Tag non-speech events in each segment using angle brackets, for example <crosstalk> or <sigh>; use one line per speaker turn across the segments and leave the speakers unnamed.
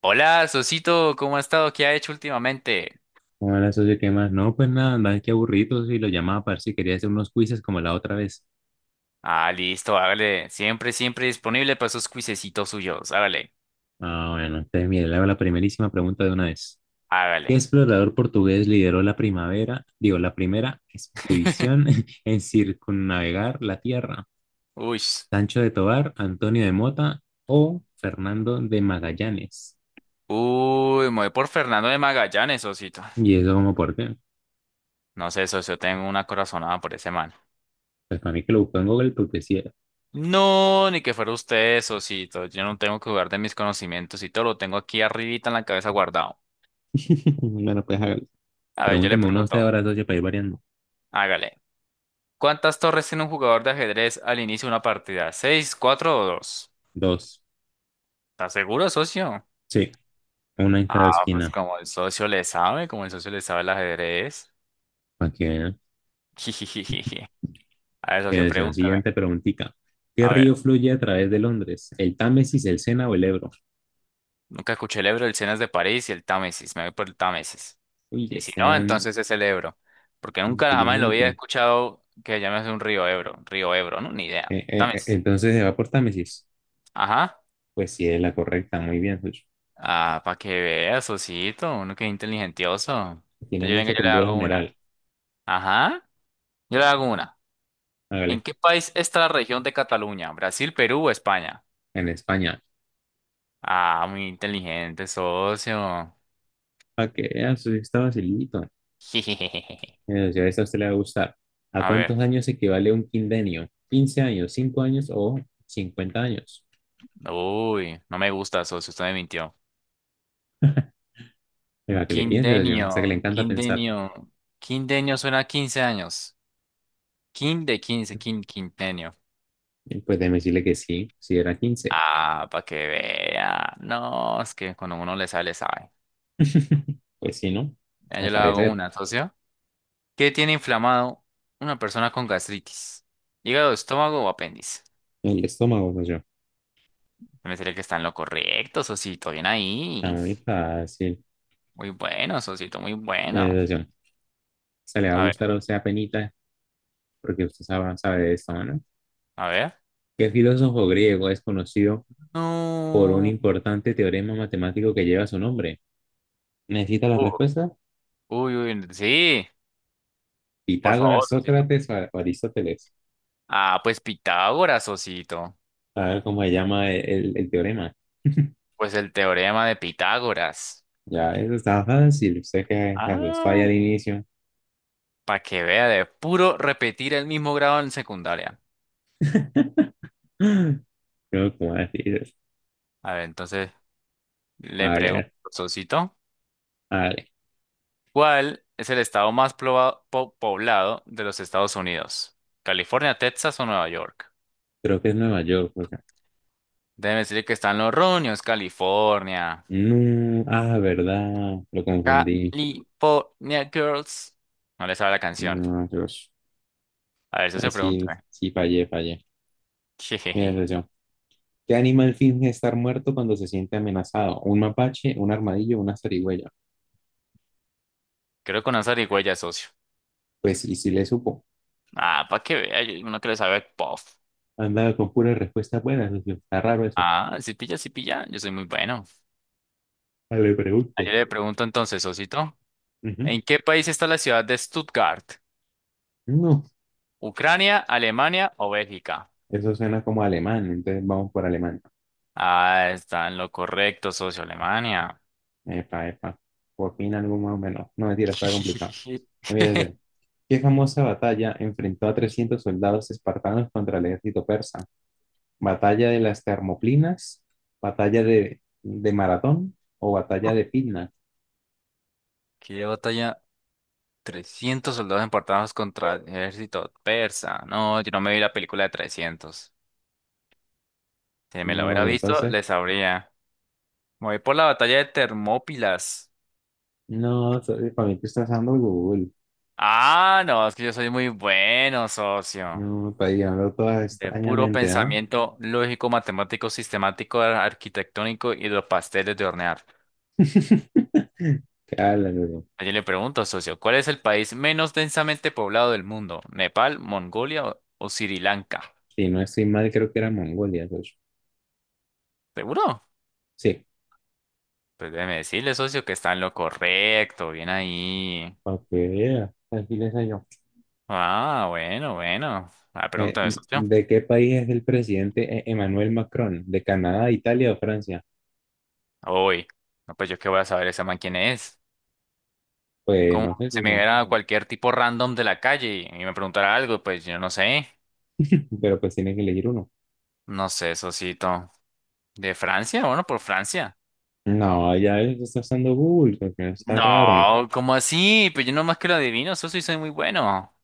Hola, Sosito, ¿cómo ha estado? ¿Qué ha hecho últimamente?
Ahora, socio, ¿qué más? No, pues nada, andaba que aburrido y lo llamaba para ver si quería hacer unos quizzes como la otra vez.
Ah, listo, hágale. Siempre, siempre disponible para esos cuisecitos suyos. Hágale,
Ah, bueno, entonces mire, le hago la primerísima pregunta de una vez. ¿Qué
hágale.
explorador portugués lideró la primavera, digo, la primera expedición
<laughs>
<laughs> en circunnavegar la Tierra?
Uy,
¿Sancho de Tobar, Antonio de Mota o Fernando de Magallanes?
uy, me voy por Fernando de Magallanes, Sosito.
¿Y eso como por qué?
No sé, socio, tengo una corazonada por ese man.
Pues para mí que lo buscó en Google porque sí era.
No, ni que fuera usted, Sosito. Yo no tengo que jugar de mis conocimientos y todo lo tengo aquí arribita en la cabeza guardado.
<laughs> Bueno, pues hágalo.
A ver, yo le
Pregúnteme uno
pregunto,
usted ahora, socio, para ir variando.
hágale. ¿Cuántas torres tiene un jugador de ajedrez al inicio de una partida? ¿Seis, cuatro o dos?
Dos.
¿Estás seguro, socio?
Sí, una en cada
Ah, pues
esquina.
como el socio le sabe, como el socio le sabe el ajedrez.
Aquí.
<laughs> A ver,
Que
socio,
decía,
pregúntame.
siguiente preguntita. ¿Qué
A
río
ver,
fluye a través de Londres? ¿El Támesis, el Sena o el Ebro?
nunca escuché el Ebro, el Sena es de París y el Támesis. Me voy por el Támesis.
Uy,
Y si
este
no,
man
entonces es el Ebro. Porque nunca jamás en la vida he
inteligente.
escuchado que llames un río Ebro. Río Ebro, ¿no? Ni idea. Támesis.
Entonces se va por Támesis.
Ajá.
Pues sí, es la correcta. Muy bien, Sucho.
Ah, para que veas, socito. Uno que es inteligentioso.
Tiene
Entonces yo venga,
mucha
yo le
cultura
hago una.
general.
Ajá. Yo le hago una. ¿En
Hágale.
qué país está la región de Cataluña? ¿Brasil, Perú o España?
En España.
Ah, muy inteligente, socio.
Para que veas, eso sí está facilito.
<laughs>
Si a esta a usted le va a gustar. ¿A
A ver.
cuántos años equivale un quindenio? ¿15 años, 5 años o 50 años?
Uy, no me gusta, socio. Usted me mintió. Un
Para que le piense, yo. O sea, que
Quindenio,
le
un
encanta pensar.
quindenio. Quindenio suena a 15 años. Quin de 15, quin, quintenio.
Pues déjeme decirle que sí, si era 15.
Ah, para que vea. No, es que cuando uno le sale, sabe.
<laughs> Pues sí, ¿no?
Ya yo
Al
le hago
parecer,
una, socio. ¿Qué tiene inflamado una persona con gastritis? ¿Hígado, estómago o apéndice?
el estómago, pues yo.
Me sería que está en lo correcto, socito. Bien ahí.
Está muy fácil.
Muy bueno, socito, muy bueno.
Eh, Se le va a
A ver,
gustar a usted apenita, porque usted sabe, sabe de esto, ¿no?
a ver.
¿Qué filósofo griego es conocido por un
No.
importante teorema matemático que lleva su nombre? ¿Necesita la
Uh,
respuesta?
uy, uy, sí, por
¿Pitágoras,
favor, Sosito.
Sócrates o Aristóteles?
Ah, pues Pitágoras, Sosito.
A ver cómo se llama el teorema. <laughs>
Pues el teorema de Pitágoras.
Ya, eso está fácil. Usted que se asustó ahí
Ah,
al inicio.
para que vea, de puro repetir el mismo grado en secundaria.
<gasps> Creo que, ¿cómo decir?
A ver, entonces le
A
pregunto,
ver.
Sosito, ¿cuál es el estado más poblado de los Estados Unidos? ¿California, Texas o Nueva York?
Creo que es Nueva York.
Debe decir que están los roños, California.
No, ah, verdad, lo confundí.
California Girls. No le sabe la canción.
No, Dios.
A ver, eso
Ahí
se
sí,
pregunta.
sí, fallé, fallé.
<laughs>
Mira,
Jejeje.
atención. ¿Qué animal finge estar muerto cuando se siente amenazado? ¿Un mapache, un armadillo, una zarigüeya?
Creo que con una zarigüeya, socio.
Pues, y si le supo.
Ah, para que vea, uno que le sabe puff.
Andaba con puras respuestas buenas, socio. Está raro eso.
Ah, si pilla, si pilla, yo soy muy bueno.
Ah, le pregunte.
Ah, yo le pregunto entonces, socito,
Ujú.
¿en qué país está la ciudad de Stuttgart?
No,
¿Ucrania, Alemania o Bélgica?
eso suena como alemán, entonces vamos por alemán.
Ah, está en lo correcto, socio, Alemania.
Epa, epa. Por fin algo más o menos. No, mentira, está complicado.
<laughs>
Mira, atención. ¿Qué famosa batalla enfrentó a 300 soldados espartanos contra el ejército persa? ¿Batalla de las Termoplinas, Batalla de Maratón o Batalla de Pitna?
¿Qué batalla 300 soldados importados contra el ejército persa? No, yo no me vi la película de 300. Si me la
No,
hubiera
y
visto,
entonces,
les sabría. Me voy por la batalla de Termópilas.
no, para mí tú estás usando Google.
Ah, no, es que yo soy muy bueno, socio.
No, está llegando todas
De puro
extrañamente, ¿ah?
pensamiento lógico, matemático, sistemático, arquitectónico y de los pasteles de hornear.
<laughs> Claro,
Ayer le pregunto, socio, ¿cuál es el país menos densamente poblado del mundo? ¿Nepal, Mongolia o Sri Lanka?
si no estoy mal, creo que era Mongolia, de hecho.
¿Seguro?
Sí,
Pues déjeme decirle, socio, que está en lo correcto, bien ahí.
para que vea. Aquí les hallo.
Ah, bueno, bueno, ah,
Eh,
pregunta de socio.
¿De qué país es el presidente Emmanuel Macron? ¿De Canadá, Italia o Francia?
Uy, no, pues yo qué voy a saber ese man quién es.
Pues
Como
no sé,
se me
supongo.
viera cualquier tipo random de la calle y me preguntara algo, pues yo no sé.
<laughs> Pero pues tiene que elegir uno.
No sé, socito. ¿De Francia? Bueno, por Francia.
No, ya él está usando Google, porque está raro.
No, ¿cómo así? Pues yo nomás que lo adivino, socio, y soy muy bueno.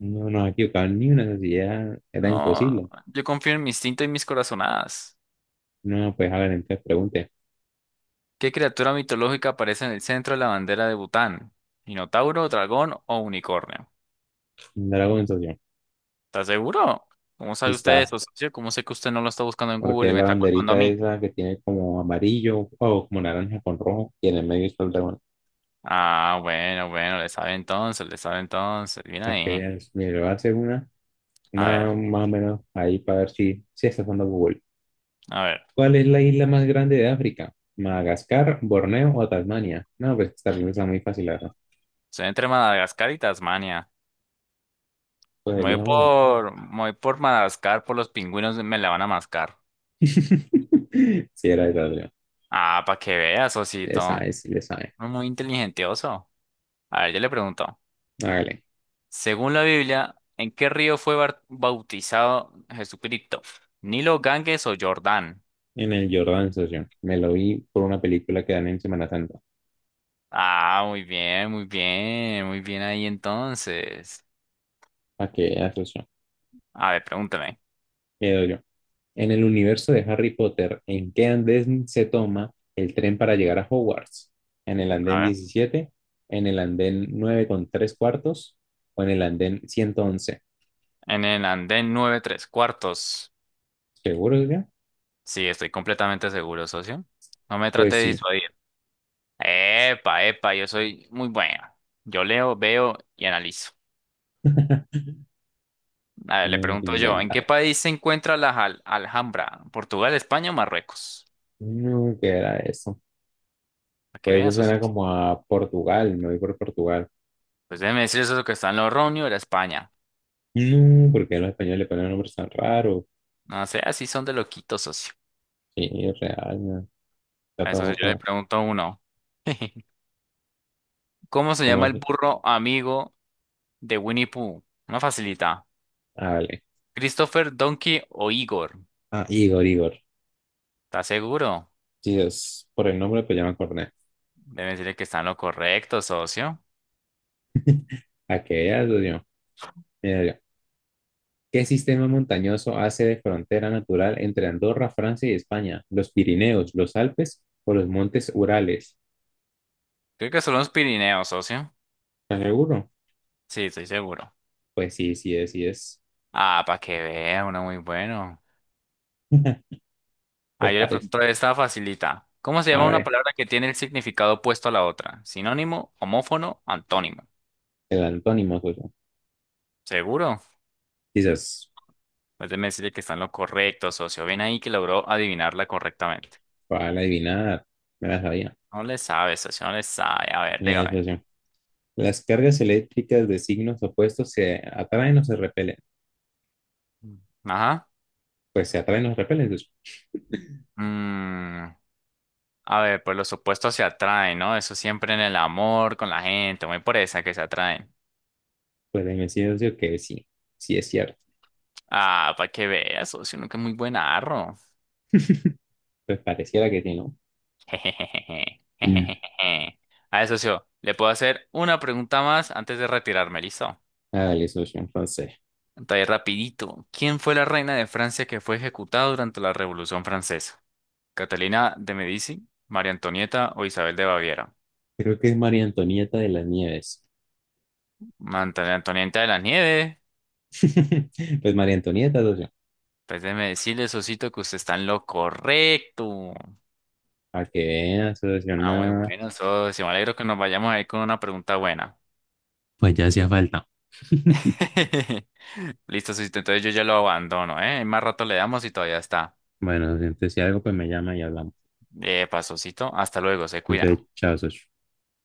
No nos ha equivocado ni una necesidad, era
No,
imposible.
yo confío en mi instinto y mis corazonadas.
No, pues a ver, entonces pregunte.
¿Qué criatura mitológica aparece en el centro de la bandera de Bután? ¿Minotauro, dragón o unicornio?
Dragon Social.
¿Estás seguro? ¿Cómo
Y
sabe usted
está,
eso, socio? ¿Cómo sé que usted no lo está buscando en Google
porque
y me
la
está culpando a
banderita
mí?
esa que tiene como amarillo o como naranja con rojo, y en el medio está el dragón.
Ah, bueno, bueno, le sabe entonces, le sabe entonces. Bien
Para que
ahí.
veas, mire, le voy a hacer
A
una
ver,
más o menos ahí para ver si, si está usando Google.
a ver.
¿Cuál es la isla más grande de África? ¿Madagascar, Borneo o Tasmania? No, pues también está muy fácil, la verdad.
Estoy entre Madagascar y Tasmania.
Pues elija uno.
Me voy por Madagascar, por los pingüinos me la van a mascar.
<laughs> Si era esa,
Ah, para que veas,
le
osito,
sabe, sí, le sabe.
muy inteligentioso. A ver, yo le pregunto.
Hágale.
Según la Biblia, ¿en qué río fue bautizado Jesucristo? ¿Nilo, Ganges o Jordán?
En el Jordan, socio. Me lo vi por una película que dan en Semana Santa.
Ah, muy bien, muy bien, muy bien ahí entonces.
¿Para qué vea, socio?
A ver, pregúntame.
Le doy yo. En el universo de Harry Potter, ¿en qué andén se toma el tren para llegar a Hogwarts? ¿En el
A
andén
ver.
17? ¿En el andén 9¾? ¿O en el andén 111?
En el andén nueve tres cuartos.
¿Seguro, socio?
Sí, estoy completamente seguro, socio. No me trate
Pues
de
sí.
disuadir. Epa, epa, yo soy muy bueno. Yo leo, veo y analizo.
<laughs>
A ver, le
No, que
pregunto yo, ¿en qué
inventa.
país se encuentra la Alhambra? ¿Portugal, España o Marruecos?
No, ¿qué era eso?
Para que
Pues eso
veas, socio.
suena como a Portugal, me voy por Portugal.
Pues déjeme decir eso es lo que está en Logroño, era España.
No, porque a los españoles le ponen nombres tan raros.
No sé, así son de loquitos, socio.
Sí, real, man. Está
A eso sí,
todo
yo le
feo.
pregunto a uno. <laughs> ¿Cómo se
¿Cómo
llama el
así?
burro amigo de Winnie Pooh? Una facilita.
Ah, vale.
¿Christopher, Donkey o Igor?
Ah, Igor, Igor.
¿Estás seguro?
Sí, es por el nombre, pues ya me acordé.
Debe decirle que está en lo correcto, socio.
Aquella, Dios mío. Mira yo. ¿Qué sistema montañoso hace de frontera natural entre Andorra, Francia y España? ¿Los Pirineos, los Alpes o los Montes Urales?
Creo que son los Pirineos, socio.
¿Estás seguro?
Sí, estoy seguro.
Pues sí, sí es, sí es.
Ah, para que vea, uno muy bueno.
<laughs>
Ah,
Pues
yo le
parece.
pregunto esta facilita. ¿Cómo se
A
llama una
ver,
palabra que tiene el significado opuesto a la otra? ¿Sinónimo, homófono, antónimo?
el antónimo, socio.
¿Seguro?
Quizás
Pues, déjeme decirle que está en lo correcto, socio. Ven ahí que logró adivinarla correctamente.
para adivinar, me la sabía.
No le sabe, socio, no le sabe. A ver,
Mira,
dígame.
socio. Las cargas eléctricas de signos opuestos se atraen o se repelen.
Mm. Ajá.
Pues se atraen los repeles, pues,
Mm, a ver, pues los opuestos se atraen, ¿no? Eso siempre en el amor, con la gente, muy por esa que se atraen.
pues de inmediato decir que sí, sí es cierto.
Ah, para que vea, socio, uno que es muy buen arro.
Pues pareciera que sí, ¿no?
<laughs> Jejejeje,
Mm.
jejejeje. A ver, socio, le puedo hacer una pregunta más antes de retirarme, ¿listo?
Ah, el socio, entonces.
Entonces, rapidito. ¿Quién fue la reina de Francia que fue ejecutada durante la Revolución Francesa? Catalina de Medici, María Antonieta o Isabel de Baviera.
Creo que es María Antonieta de las Nieves.
María Antonieta de las Nieves,
<laughs> Pues María Antonieta, socio.
pues déjeme decirle, sosito, que usted está en lo correcto.
A que vean, socio,
Ah, muy
nada.
bueno, socio. Me alegro que nos vayamos ahí con una pregunta buena.
Pues ya hacía falta. <laughs>
<laughs> Listo, sosito. Entonces yo ya lo abandono, ¿eh? Más rato le damos y todavía está.
Bueno, entonces si algo, pues me llama y hablamos.
Pasosito. Hasta luego, se cuida.
Entonces, chao, socio.